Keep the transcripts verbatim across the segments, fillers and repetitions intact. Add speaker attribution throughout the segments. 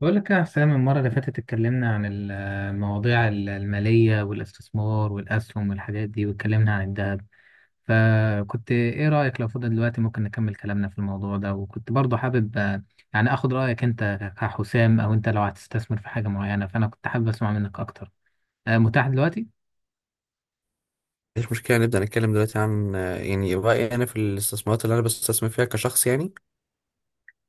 Speaker 1: بقول لك يا حسام، المرة اللي فاتت اتكلمنا عن ال- المواضيع ال- المالية والاستثمار والأسهم والحاجات دي، واتكلمنا عن الذهب. فكنت إيه رأيك لو فضل دلوقتي ممكن نكمل كلامنا في الموضوع ده؟ وكنت برضو حابب آه، يعني أخد رأيك أنت كحسام، أو أنت لو هتستثمر في حاجة معينة فأنا كنت حابب أسمع منك أكتر. آه، متاح دلوقتي؟
Speaker 2: مفيش مشكلة نبدأ نتكلم دلوقتي عن آه، يعني رأيي أنا في الاستثمارات اللي أنا بستثمر فيها كشخص يعني.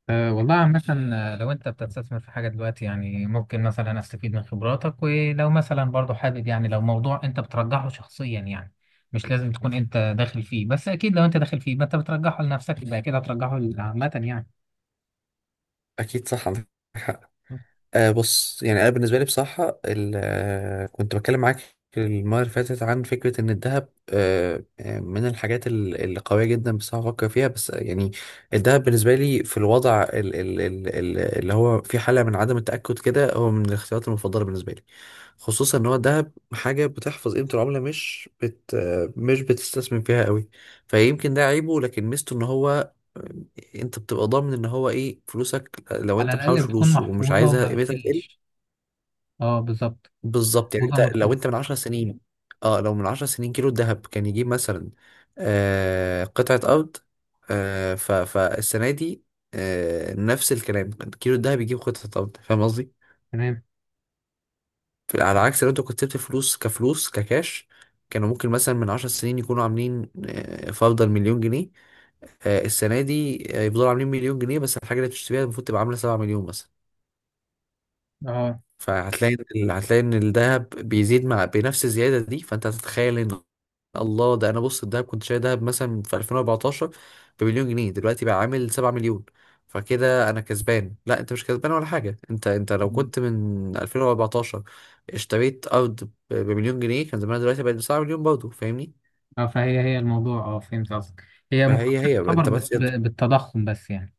Speaker 1: أه، والله عامة. آه، لو أنت بتستثمر في حاجة دلوقتي يعني ممكن مثلا أستفيد من خبراتك، ولو مثلا برضو حابب، يعني لو موضوع أنت بترجحه شخصيا، يعني مش لازم تكون أنت داخل فيه، بس أكيد لو أنت داخل فيه ما أنت بترجحه لنفسك يبقى كده هترجحه عامة يعني.
Speaker 2: أكيد صح، عندك حق. آه بص، يعني انا بالنسبه لي بصراحه ال- آه، كنت بتكلم معاك المره اللي فاتت عن فكره ان الذهب آه آه، من الحاجات ال- اللي قويه جدا بصراحه بفكر فيها، بس آه، يعني الذهب بالنسبه لي في الوضع ال ال ال ال اللي هو في حاله من عدم التاكد كده، هو من الاختيارات المفضله بالنسبه لي، خصوصا ان هو الذهب حاجه بتحفظ قيمه العمله، مش بت آه، مش بتستثمر فيها قوي. فيمكن ده عيبه، لكن ميزته ان هو انت بتبقى ضامن ان هو ايه فلوسك، لو
Speaker 1: على
Speaker 2: انت
Speaker 1: الأقل
Speaker 2: محوش
Speaker 1: بتكون
Speaker 2: فلوس ومش
Speaker 1: محفوظة
Speaker 2: عايزها
Speaker 1: وما
Speaker 2: قيمتها تقل.
Speaker 1: بتقلش. أه، بالظبط.
Speaker 2: بالظبط يعني
Speaker 1: محفوظة
Speaker 2: انت
Speaker 1: ما
Speaker 2: لو
Speaker 1: بتقلش.
Speaker 2: انت من عشر سنين. اه لو من عشر سنين كيلو الذهب كان يجيب مثلا آه قطعة أرض، آه ف فالسنة دي آه نفس الكلام، كيلو الذهب يجيب قطعة أرض. فاهم قصدي؟
Speaker 1: تمام.
Speaker 2: ف- على عكس لو انت كنت سبت الفلوس كفلوس ككاش، كانوا ممكن مثلا من عشر سنين يكونوا عاملين آه، فرضا مليون جنيه. آه، السنة دي آه، يفضلوا عاملين مليون جنيه، بس الحاجة اللي بتشتريها المفروض تبقى عاملة سبعة مليون مثلا.
Speaker 1: أه،
Speaker 2: فهتلاقي إن ال- هتلاقي ان الذهب بيزيد مع بنفس الزياده دي، فانت هتتخيل ان الله، ده انا بص الذهب كنت شايل ذهب مثلا في ألفين وأربعة عشر بمليون جنيه دلوقتي بقى عامل سبعة مليون، فكده انا كسبان. لا، انت مش كسبان ولا حاجه، انت انت لو كنت من ألفين وأربعتاشر اشتريت ارض ب- بمليون جنيه كان زمانها دلوقتي بقت ب سبعة مليون برضه، فاهمني؟
Speaker 1: أه. فهي هي الموضوع. أه، فهمت قصدك. هي
Speaker 2: فهي
Speaker 1: مقارنة
Speaker 2: هي،
Speaker 1: تعتبر
Speaker 2: انت
Speaker 1: بس-
Speaker 2: بس.
Speaker 1: بالتضخم بس يعني.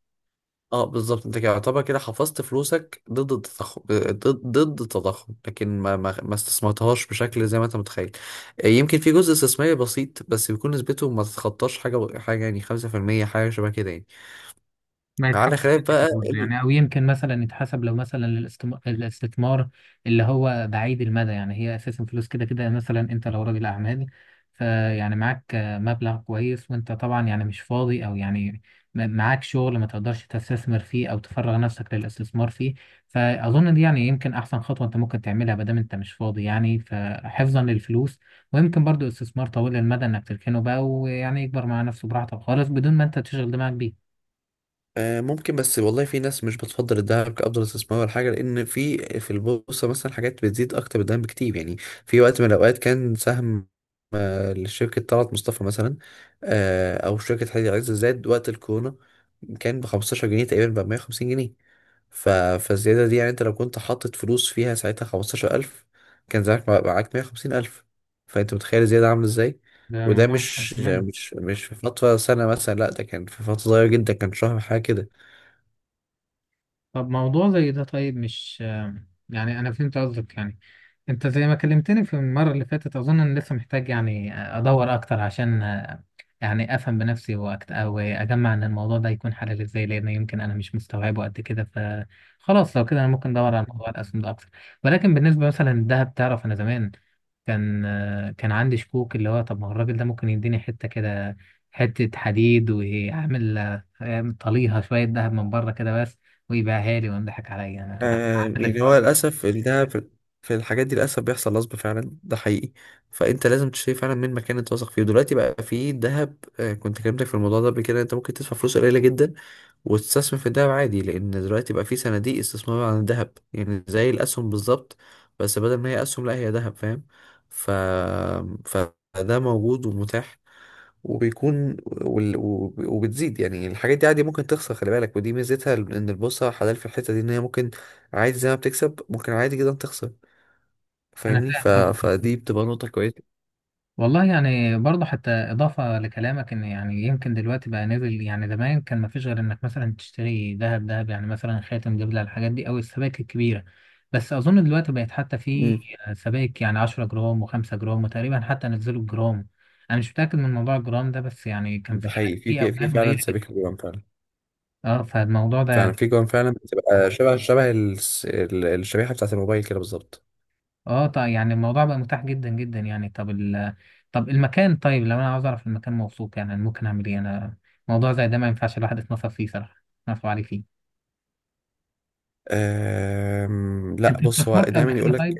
Speaker 2: اه بالظبط، انت كده يعتبر كده حفظت فلوسك ضد التضخم، ضد ضد التضخم، لكن ما ما ما استثمرتهاش بشكل زي ما انت متخيل. آه، يمكن في جزء استثماري بسيط، بس بيكون نسبته ما تتخطاش حاجه حاجه يعني خمسة في المية، حاجه شبه كده يعني،
Speaker 1: ما يتحسب
Speaker 2: على خلاف
Speaker 1: كده
Speaker 2: بقى
Speaker 1: كده برضه
Speaker 2: ال-
Speaker 1: يعني، او يمكن مثلا يتحسب لو مثلا الاستم- الاستثمار اللي هو بعيد المدى. يعني هي اساسا فلوس كده كده، مثلا انت لو راجل اعمال فيعني معاك آه، مبلغ كويس، وانت طبعا يعني مش فاضي، او يعني م- معاك شغل ما تقدرش تستثمر فيه او تفرغ نفسك للاستثمار فيه. فاظن دي يعني يمكن احسن خطوة انت ممكن تعملها ما دام انت مش فاضي يعني، فحفظا للفلوس، ويمكن برضو استثمار طويل المدى، انك تركنه بقى ويعني يكبر مع نفسه براحتك خالص بدون ما انت تشغل دماغك بيه.
Speaker 2: آه، ممكن، بس والله في ناس مش بتفضل الذهب كأفضل استثمار ولا حاجه، لان في في البورصه مثلا حاجات بتزيد اكتر من الذهب بكتير يعني. في وقت من الاوقات كان سهم لشركة طلعت مصطفى مثلا، آه، أو شركة حديد عز زاد وقت الكورونا كان ب خمسة عشر جنيها تقريبا بقى مية وخمسين جنيه. ف... فالزيادة دي يعني، أنت لو كنت حاطط فلوس فيها ساعتها خمستاشر الف، كان زمانك مع- معاك مية وخمسين الف. فأنت متخيل الزيادة عاملة إزاي؟
Speaker 1: ده
Speaker 2: وده
Speaker 1: موضوع مختلف
Speaker 2: مش
Speaker 1: تماما.
Speaker 2: مش مش في فترة سنة مثلا، لا ده كان في فترة صغيرة جدا، كان شهر حاجة كده.
Speaker 1: طب موضوع زي ده طيب مش يعني، أنا فهمت قصدك يعني. أنت زي ما كلمتني في المرة اللي فاتت أظن أنا لسه محتاج يعني أدور أكتر عشان يعني أفهم بنفسي، وأكت- أو أجمع إن الموضوع ده يكون حلال إزاي، لأن يمكن أنا مش مستوعبه قد كده. فخلاص لو كده أنا ممكن أدور على موضوع الأسهم ده أكتر. ولكن بالنسبة مثلا للذهب، تعرف أنا زمان كان آه، كان عندي شكوك، اللي هو طب ما هو الراجل ده ممكن يديني حتة كده، حتة حديد ويعمل آه، يعمل طليها شوية ذهب من بره كده بس، ويبيعها لي ويضحك عليا
Speaker 2: آه يعني هو
Speaker 1: أنا.
Speaker 2: للأسف إن ده في، في الحاجات دي للأسف بيحصل نصب فعلا، ده حقيقي. فأنت لازم تشتري فعلا من مكان أنت واثق فيه. دلوقتي بقى في دهب، آه كنت كلمتك في الموضوع ده قبل كده، أنت ممكن تدفع فلوس قليلة جدا واستثمر في الذهب عادي، لان دلوقتي بقى في صناديق استثمار عن الذهب يعني زي الاسهم بالظبط، بس بدل ما هي اسهم لا هي ذهب، فاهم؟ ف فده موجود ومتاح، وبيكون وال... وب- وبتزيد يعني. الحاجات دي عادي ممكن تخسر، خلي بالك، ودي ميزتها ان البورصه حلال في الحته دي، ان هي ممكن عادي زي ما بتكسب، ممكن عادي جدا تخسر.
Speaker 1: أنا
Speaker 2: فاهمني؟
Speaker 1: فاهم
Speaker 2: ف...
Speaker 1: طبعا.
Speaker 2: فدي بتبقى نقطه كويسه.
Speaker 1: والله يعني برضه، حتى إضافة لكلامك، إن يعني يمكن دلوقتي بقى نزل. يعني زمان كان مفيش غير إنك مثلا تشتري ذهب ذهب، يعني مثلا خاتم، دبلة، الحاجات دي أو السبائك الكبيرة. بس أظن دلوقتي بقت حتى في
Speaker 2: امم
Speaker 1: سبائك يعني عشرة جرام وخمسة جرام، وتقريبا حتى نزلوا الجرام. أنا مش متأكد من موضوع الجرام ده، بس يعني كان
Speaker 2: ده
Speaker 1: في
Speaker 2: حقيقي، في
Speaker 1: في
Speaker 2: في في
Speaker 1: أوزان
Speaker 2: فعلا
Speaker 1: قليلة جدا.
Speaker 2: سبيكة جدا فعلا،
Speaker 1: أه، فالموضوع ده
Speaker 2: فعلا
Speaker 1: يعني.
Speaker 2: في جوان فعلا، بتبقى شبه شبه الس- ال- الشريحة بتاعت الموبايل كده بالظبط.
Speaker 1: اه طيب، يعني الموضوع بقى متاح جدا جدا يعني. طب ال... طب المكان. طيب لو انا عاوز اعرف المكان موثوق، يعني أنا ممكن اعمل ايه؟ انا موضوع زي ده ما ينفعش الواحد يتنصف فيه صراحه، يتنصف عليه فيه.
Speaker 2: أم... لا
Speaker 1: انت
Speaker 2: بص، هو
Speaker 1: استثمرت قبل
Speaker 2: دايما
Speaker 1: كده
Speaker 2: يقول لك
Speaker 1: طيب؟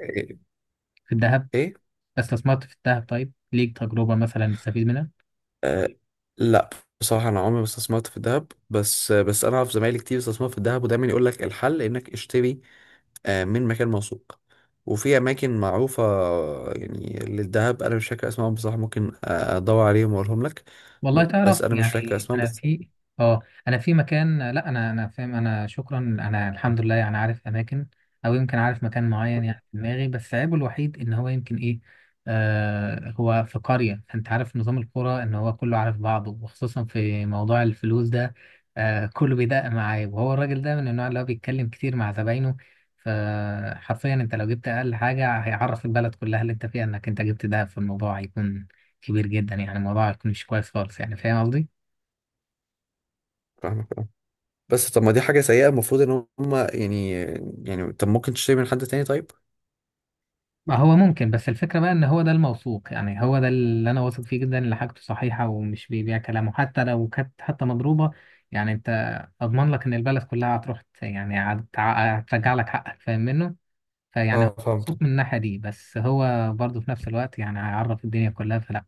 Speaker 1: في الذهب؟
Speaker 2: ايه.
Speaker 1: استثمرت في الذهب طيب، ليك تجربه مثلا تستفيد منها؟
Speaker 2: أه... لا بصراحة أنا عمري ما استثمرت في الذهب، بس بس أنا أعرف زمايلي كتير استثمروا في الذهب، ودايما يقول لك الحل إنك اشتري آه، من مكان موثوق وفي أماكن معروفة. يعني للذهب أنا مش فاكر أسمائهم بصراحة، ممكن أدور عليهم وأقولهم لك،
Speaker 1: والله
Speaker 2: بس
Speaker 1: تعرف،
Speaker 2: أنا مش فاكر
Speaker 1: يعني
Speaker 2: أسمائهم
Speaker 1: انا
Speaker 2: بس.
Speaker 1: في اه انا في مكان، لا انا انا فاهم، انا شكرا، انا الحمد لله يعني عارف اماكن، او يمكن عارف مكان معين يعني في دماغي، بس عيبه الوحيد ان هو يمكن ايه، آه هو في قرية، فانت عارف نظام القرى ان هو كله عارف بعضه، وخصوصا في موضوع الفلوس ده. آه كله بيدق معاه، وهو الراجل ده من النوع اللي هو بيتكلم كتير مع زباينه، فحرفيا انت لو جبت اقل حاجة هيعرف البلد كلها اللي انت فيها انك انت جبت ده، في الموضوع هيكون كبير جدا، يعني الموضوع هيكون مش كويس خالص يعني. فاهم قصدي؟
Speaker 2: فاهمك، بس طب ما دي حاجة سيئة، المفروض ان هم يعني، يعني طب ممكن تشتري من حد تاني طيب.
Speaker 1: ما هو ممكن، بس الفكرة بقى إن هو ده الموثوق، يعني هو ده اللي أنا واثق فيه جدا إن حاجته صحيحة ومش بيبيع كلامه حتى لو كانت حتى مضروبة. يعني أنت أضمن لك إن البلد كلها هتروح ت- يعني هت- هترجع لك حقك. فاهم منه؟ فيعني هو
Speaker 2: اه فهمت.
Speaker 1: مبسوط من الناحية دي، بس هو برضه في نفس الوقت يعني هيعرف الدنيا كلها، فلا.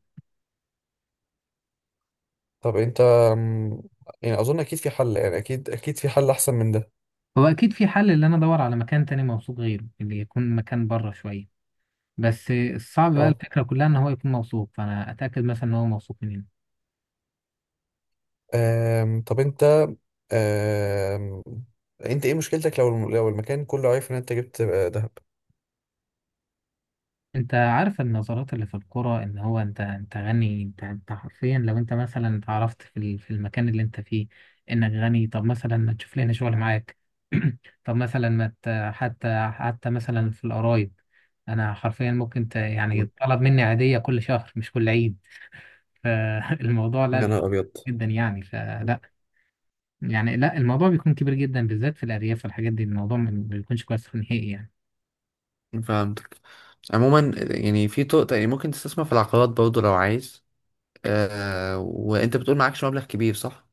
Speaker 2: طب انت أم، يعني اظن اكيد في حل، يعني اكيد اكيد في حل احسن من ده.
Speaker 1: هو أكيد في حل إن أنا أدور على مكان تاني موثوق غيره، اللي يكون مكان بره شوية. بس الصعب بقى
Speaker 2: اه
Speaker 1: الفكرة كلها إن هو يكون موثوق، فأنا أتأكد مثلا إن هو موثوق مني.
Speaker 2: أم، طب انت أم، انت ايه مشكلتك لو الم- لو المكان كله عارف ان انت جبت آه، دهب؟
Speaker 1: انت عارف النظرات اللي في الكرة، ان هو انت انت غني، انت انت حرفيا لو انت مثلا اتعرفت في ال- في المكان اللي انت فيه انك غني، طب مثلا ما تشوف لنا شغل معاك. طب مثلا ما ت- حتى حتى مثلا في القرايب انا حرفيا ممكن ت... يعني طلب مني عادية كل شهر مش كل عيد. فالموضوع لا
Speaker 2: يا
Speaker 1: بي-
Speaker 2: نهار ابيض!
Speaker 1: جدا يعني، فلا. يعني لا الموضوع بيكون كبير جدا بالذات في الارياف والحاجات دي، الموضوع ما بيكونش كويس نهائي يعني.
Speaker 2: فهمتك. عموما يعني في طرق، يعني ممكن تستثمر في العقارات برضو لو عايز. آه وانت بتقول معكش مبلغ كبير، صح؟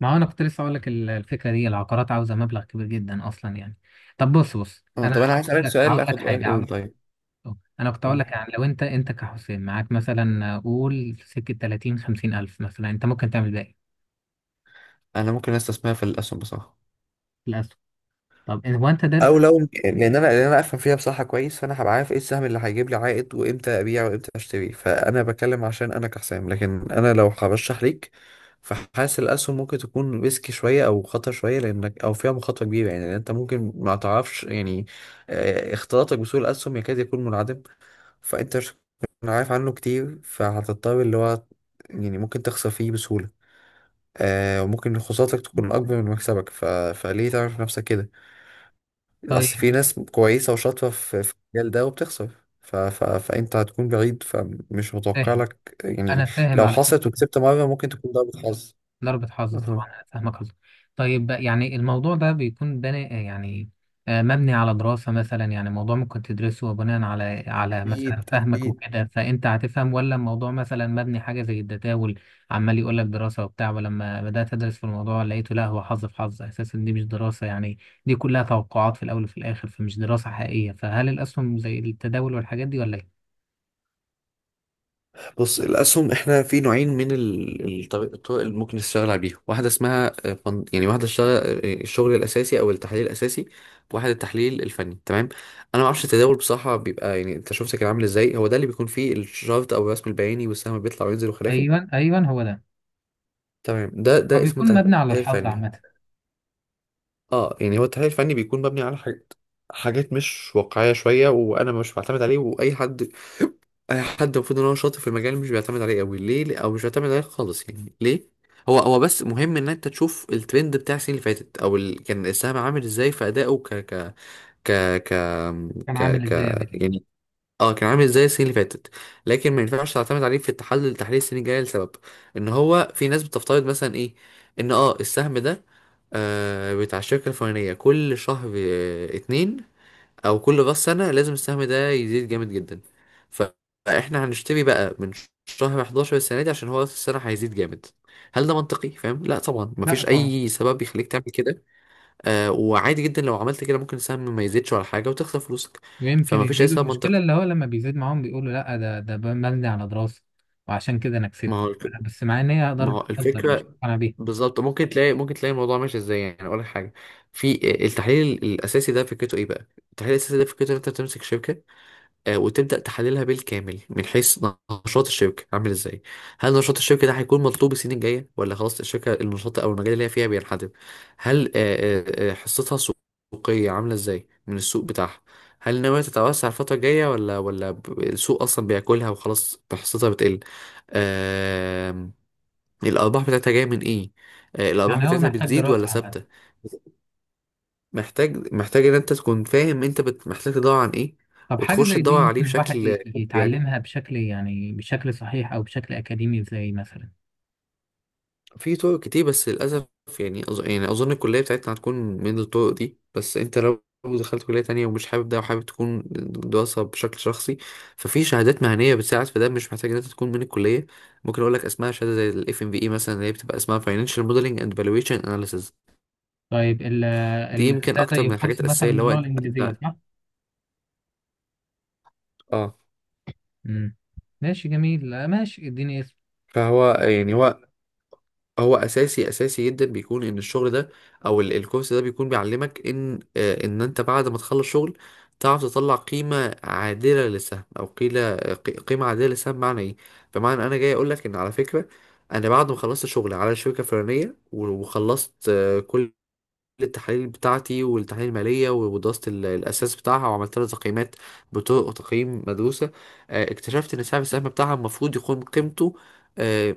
Speaker 1: ما هو انا كنت لسه اقول لك ال- الفكره دي، العقارات عاوزه مبلغ كبير جدا اصلا يعني. طب بص بص
Speaker 2: آه
Speaker 1: انا
Speaker 2: طب انا عايز
Speaker 1: هقول
Speaker 2: اسألك
Speaker 1: لك
Speaker 2: سؤال،
Speaker 1: هقول لك
Speaker 2: اخد رأيك،
Speaker 1: حاجه،
Speaker 2: قول
Speaker 1: عاوز
Speaker 2: طيب.
Speaker 1: انا كنت اقول لك يعني لو انت انت كحسين معاك مثلا قول سكه تلاتين خمسين الف مثلا، انت ممكن تعمل باقي
Speaker 2: انا ممكن استثمرها في الاسهم بصراحه،
Speaker 1: في الاسهم. طب إن- هو انت دارس؟
Speaker 2: او لو لان انا لان انا افهم فيها بصراحه كويس، فانا هبقى عارف ايه السهم اللي هيجيب لي عائد، وامتى ابيع وامتى اشتري. فانا بتكلم عشان انا كحسام، لكن انا لو هرشح ليك، فحاسس الاسهم ممكن تكون ريسكي شويه او خطر شويه، لانك او فيها مخاطره كبيره يعني، لأن انت ممكن ما تعرفش يعني. آه، اختلاطك بسوق الاسهم يكاد يكون منعدم، فانت مش هتكون عارف عنه كتير، فهتضطر اللي هو يعني ممكن تخسر فيه بسهوله. آه وممكن خسارتك تكون اكبر من مكسبك. ف... فليه تعرف نفسك كده؟ اصل في
Speaker 1: طيب
Speaker 2: ناس كويسه وشاطره في في المجال ده وبتخسر. ف... ف... فانت هتكون بعيد، فمش متوقع
Speaker 1: فاهم.
Speaker 2: لك يعني.
Speaker 1: انا فاهم
Speaker 2: لو
Speaker 1: على
Speaker 2: حصلت
Speaker 1: فكره.
Speaker 2: وكسبت مره ممكن تكون ضربة حظ.
Speaker 1: ضربة حظ
Speaker 2: أها.
Speaker 1: طبعا، أنا فاهمك قصدك. طيب يعني الموضوع ده بيكون بني يعني، آه، مبني على دراسة مثلا، يعني موضوع ممكن تدرسه بناء على على مثلا
Speaker 2: اكيد
Speaker 1: فهمك
Speaker 2: اكيد.
Speaker 1: وكده فأنت هتفهم، ولا الموضوع مثلا مبني حاجة زي التداول، عمال يقول لك دراسة وبتاع، ولما بدأت أدرس في الموضوع لقيته لا هو حظ في حظ أساسا، دي مش دراسة يعني، دي كلها توقعات في الأول وفي الآخر، فمش دراسة حقيقية. فهل الأسهم زي التداول والحاجات دي ولا إيه؟
Speaker 2: بص الاسهم، احنا في نوعين من ال- الطريق- الطرق اللي ممكن تشتغل عليها، واحده اسمها آه، فن- يعني واحده اشتغل آه، الشغل الاساسي او التحليل الاساسي، واحد التحليل الفني تمام. انا ما اعرفش التداول بصراحه، بيبقى يعني انت شفت كان عامل ازاي، هو ده اللي بيكون فيه الشارت او الرسم البياني والسهم بيطلع وينزل وخلافه.
Speaker 1: أيوه أيوه، هو ده.
Speaker 2: تمام ده
Speaker 1: هو
Speaker 2: ده اسمه
Speaker 1: بيكون مبني على
Speaker 2: تحليل
Speaker 1: الحظ
Speaker 2: فني.
Speaker 1: عامة.
Speaker 2: اه يعني هو التحليل الفني بيكون مبني على حاجات، حاجات مش واقعية شوية، وأنا مش بعتمد عليه. وأي حد أي حد المفروض إن هو شاطر في المجال مش بيعتمد عليه أوي ليه، أو مش بيعتمد عليه خالص يعني ليه. هو هو بس مهم إن أنت تشوف الترند بتاع السنين اللي فاتت أو ال... كان السهم عامل إزاي في أدائه ك ك ك ك
Speaker 1: كان
Speaker 2: ك
Speaker 1: عامل
Speaker 2: ك
Speaker 1: إزاي قبل كده؟
Speaker 2: يعني. اه كان عامل زي السنين اللي فاتت، لكن ما ينفعش تعتمد عليه في التحلل تحليل السنين الجايه، لسبب ان هو في ناس بتفترض مثلا ايه ان اه السهم ده آه بتاع الشركه الفلانيه كل شهر آه اتنين، او كل راس سنه لازم السهم ده يزيد جامد جدا. ف- فاحنا هنشتري بقى من شهر احد عشر السنه دي عشان هو راس السنه هيزيد جامد. هل ده منطقي فاهم؟ لا طبعا،
Speaker 1: لا
Speaker 2: مفيش
Speaker 1: طبعا.
Speaker 2: اي سبب يخليك تعمل كده. آه وعادي جدا لو عملت كده ممكن السهم ما يزيدش ولا حاجه وتخسر فلوسك،
Speaker 1: ويمكن
Speaker 2: فمفيش اي
Speaker 1: يزيدوا،
Speaker 2: سبب
Speaker 1: المشكلة اللي
Speaker 2: منطقي.
Speaker 1: هو لما بيزيد معاهم بيقولوا لا، ده ده مبني على دراسة وعشان كده أنا
Speaker 2: ما
Speaker 1: كسبت،
Speaker 2: هو
Speaker 1: بس مع إن هي
Speaker 2: ما
Speaker 1: ضربة
Speaker 2: هو
Speaker 1: حظ أنا مش
Speaker 2: الفكرة
Speaker 1: مقتنع بيها.
Speaker 2: بالظبط، ممكن تلاقي ممكن تلاقي الموضوع ماشي ازاي. يعني اقول لك حاجة، في التحليل الاساسي ده فكرته ايه بقى؟ التحليل الاساسي ده فكرته ان انت بتمسك شركة آه، وتبدأ تحللها بالكامل، من حيث نشاط الشركة عامل ازاي؟ هل نشاط الشركة ده هيكون مطلوب السنين الجاية ولا خلاص الشركة، النشاط او المجال اللي هي فيها بينحدر؟ هل آه، آه، آه، حصتها السوقية عاملة ازاي من السوق بتاعها؟ هل ناوية تتوسع الفترة الجاية ولا ولا ب- السوق أصلا بياكلها وخلاص حصتها بتقل؟ آم، الارباح بتاعتها جايه من ايه، آه، الارباح
Speaker 1: يعني هو
Speaker 2: بتاعتها
Speaker 1: محتاج
Speaker 2: بتزيد ولا
Speaker 1: دراسة عملية.
Speaker 2: ثابته؟ محتاج محتاج ان انت تكون فاهم، انت بت... محتاج تدور عن ايه
Speaker 1: طب حاجة
Speaker 2: وتخش
Speaker 1: زي دي
Speaker 2: تدور عليه
Speaker 1: ممكن الواحد
Speaker 2: بشكل
Speaker 1: ي-
Speaker 2: يعني.
Speaker 1: يتعلمها بشكل يعني بشكل صحيح أو بشكل أكاديمي إزاي مثلا؟
Speaker 2: في طرق كتير بس للاسف، يعني أظ... يعني اظن الكليه بتاعتنا هتكون من الطرق دي، بس انت لو دخلت كليه تانية ومش حابب ده وحابب تكون دراسه بشكل شخصي، ففي شهادات مهنيه بتساعد في ده، مش محتاج ان انت تكون من الكليه. ممكن اقول لك اسمها شهاده زي الاف ام في اي مثلا، اللي هي بتبقى اسمها فاينانشال موديلنج اند فالويشن اناليسيز.
Speaker 1: طيب ال
Speaker 2: دي
Speaker 1: ال
Speaker 2: يمكن
Speaker 1: ده
Speaker 2: اكتر
Speaker 1: زي
Speaker 2: من الحاجات
Speaker 1: كورس مثلا
Speaker 2: الاساسيه اللي هو
Speaker 1: باللغة
Speaker 2: انت
Speaker 1: الإنجليزية، صح؟
Speaker 2: اه.
Speaker 1: مم. ماشي جميل. لا، ماشي اديني.
Speaker 2: فهو يعني هو هو اساسي اساسي جدا، بيكون ان الشغل ده او ال- الكورس ده بيكون بيعلمك ان آه، ان انت بعد ما تخلص شغل تعرف تطلع قيمه عادله للسهم، او قيله قي- قيمه عادله للسهم معنى ايه. بمعنى انا جاي اقول لك ان على فكره، انا بعد ما خلصت شغل على شركه فلانيه و- وخلصت آه، كل التحاليل بتاعتي والتحاليل المالية ودراسة ال- الأساس بتاعها وعملت لها تقييمات بطرق تقييم مدروسة، آه، اكتشفت إن سعر السهم بتاعها المفروض يكون قيمته آه،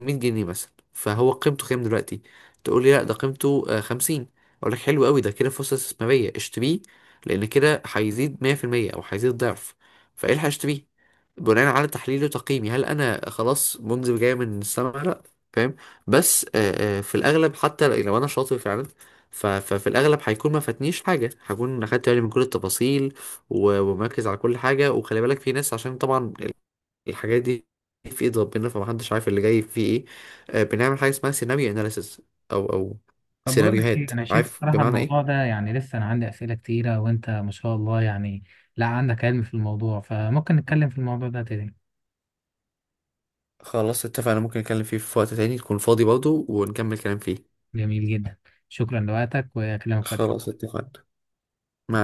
Speaker 2: ميه جنيه مثلا، فهو قيمته كام دلوقتي؟ تقول لي لا ده قيمته آه، خمسين، اقول لك حلو قوي ده كده فرصه استثماريه، اشتريه، لان كده هيزيد ميه في الميه او هيزيد ضعف. فايه اللي هشتريه بناء على تحليلي وتقييمي؟ هل انا خلاص منذ جاي من السما؟ لا، فاهم. بس آه، آه، في الاغلب حتى لو انا شاطر فعلا، ف- ففي الاغلب هيكون ما فاتنيش حاجه، هكون اخدت بالي من كل التفاصيل و- ومركز على كل حاجه. وخلي بالك في ناس، عشان طبعا الحاجات دي في ايد ربنا، فمحدش عارف اللي جاي فيه ايه. آه، بنعمل حاجه اسمها سيناريو اناليسيس او او
Speaker 1: طب بقول لك
Speaker 2: سيناريوهات،
Speaker 1: ايه، انا شايف
Speaker 2: عارف
Speaker 1: صراحة
Speaker 2: بمعنى
Speaker 1: الموضوع
Speaker 2: ايه.
Speaker 1: ده يعني لسه انا عندي اسئلة كتيرة، وانت ما شاء الله يعني لا عندك علم في الموضوع، فممكن نتكلم في الموضوع ده تاني.
Speaker 2: خلاص اتفقنا، ممكن نتكلم فيه في وقت تاني تكون فاضي برضه ونكمل كلام فيه.
Speaker 1: جميل جدا. شكرا لوقتك وكلام فتح.
Speaker 2: خلاص اتفقنا. مع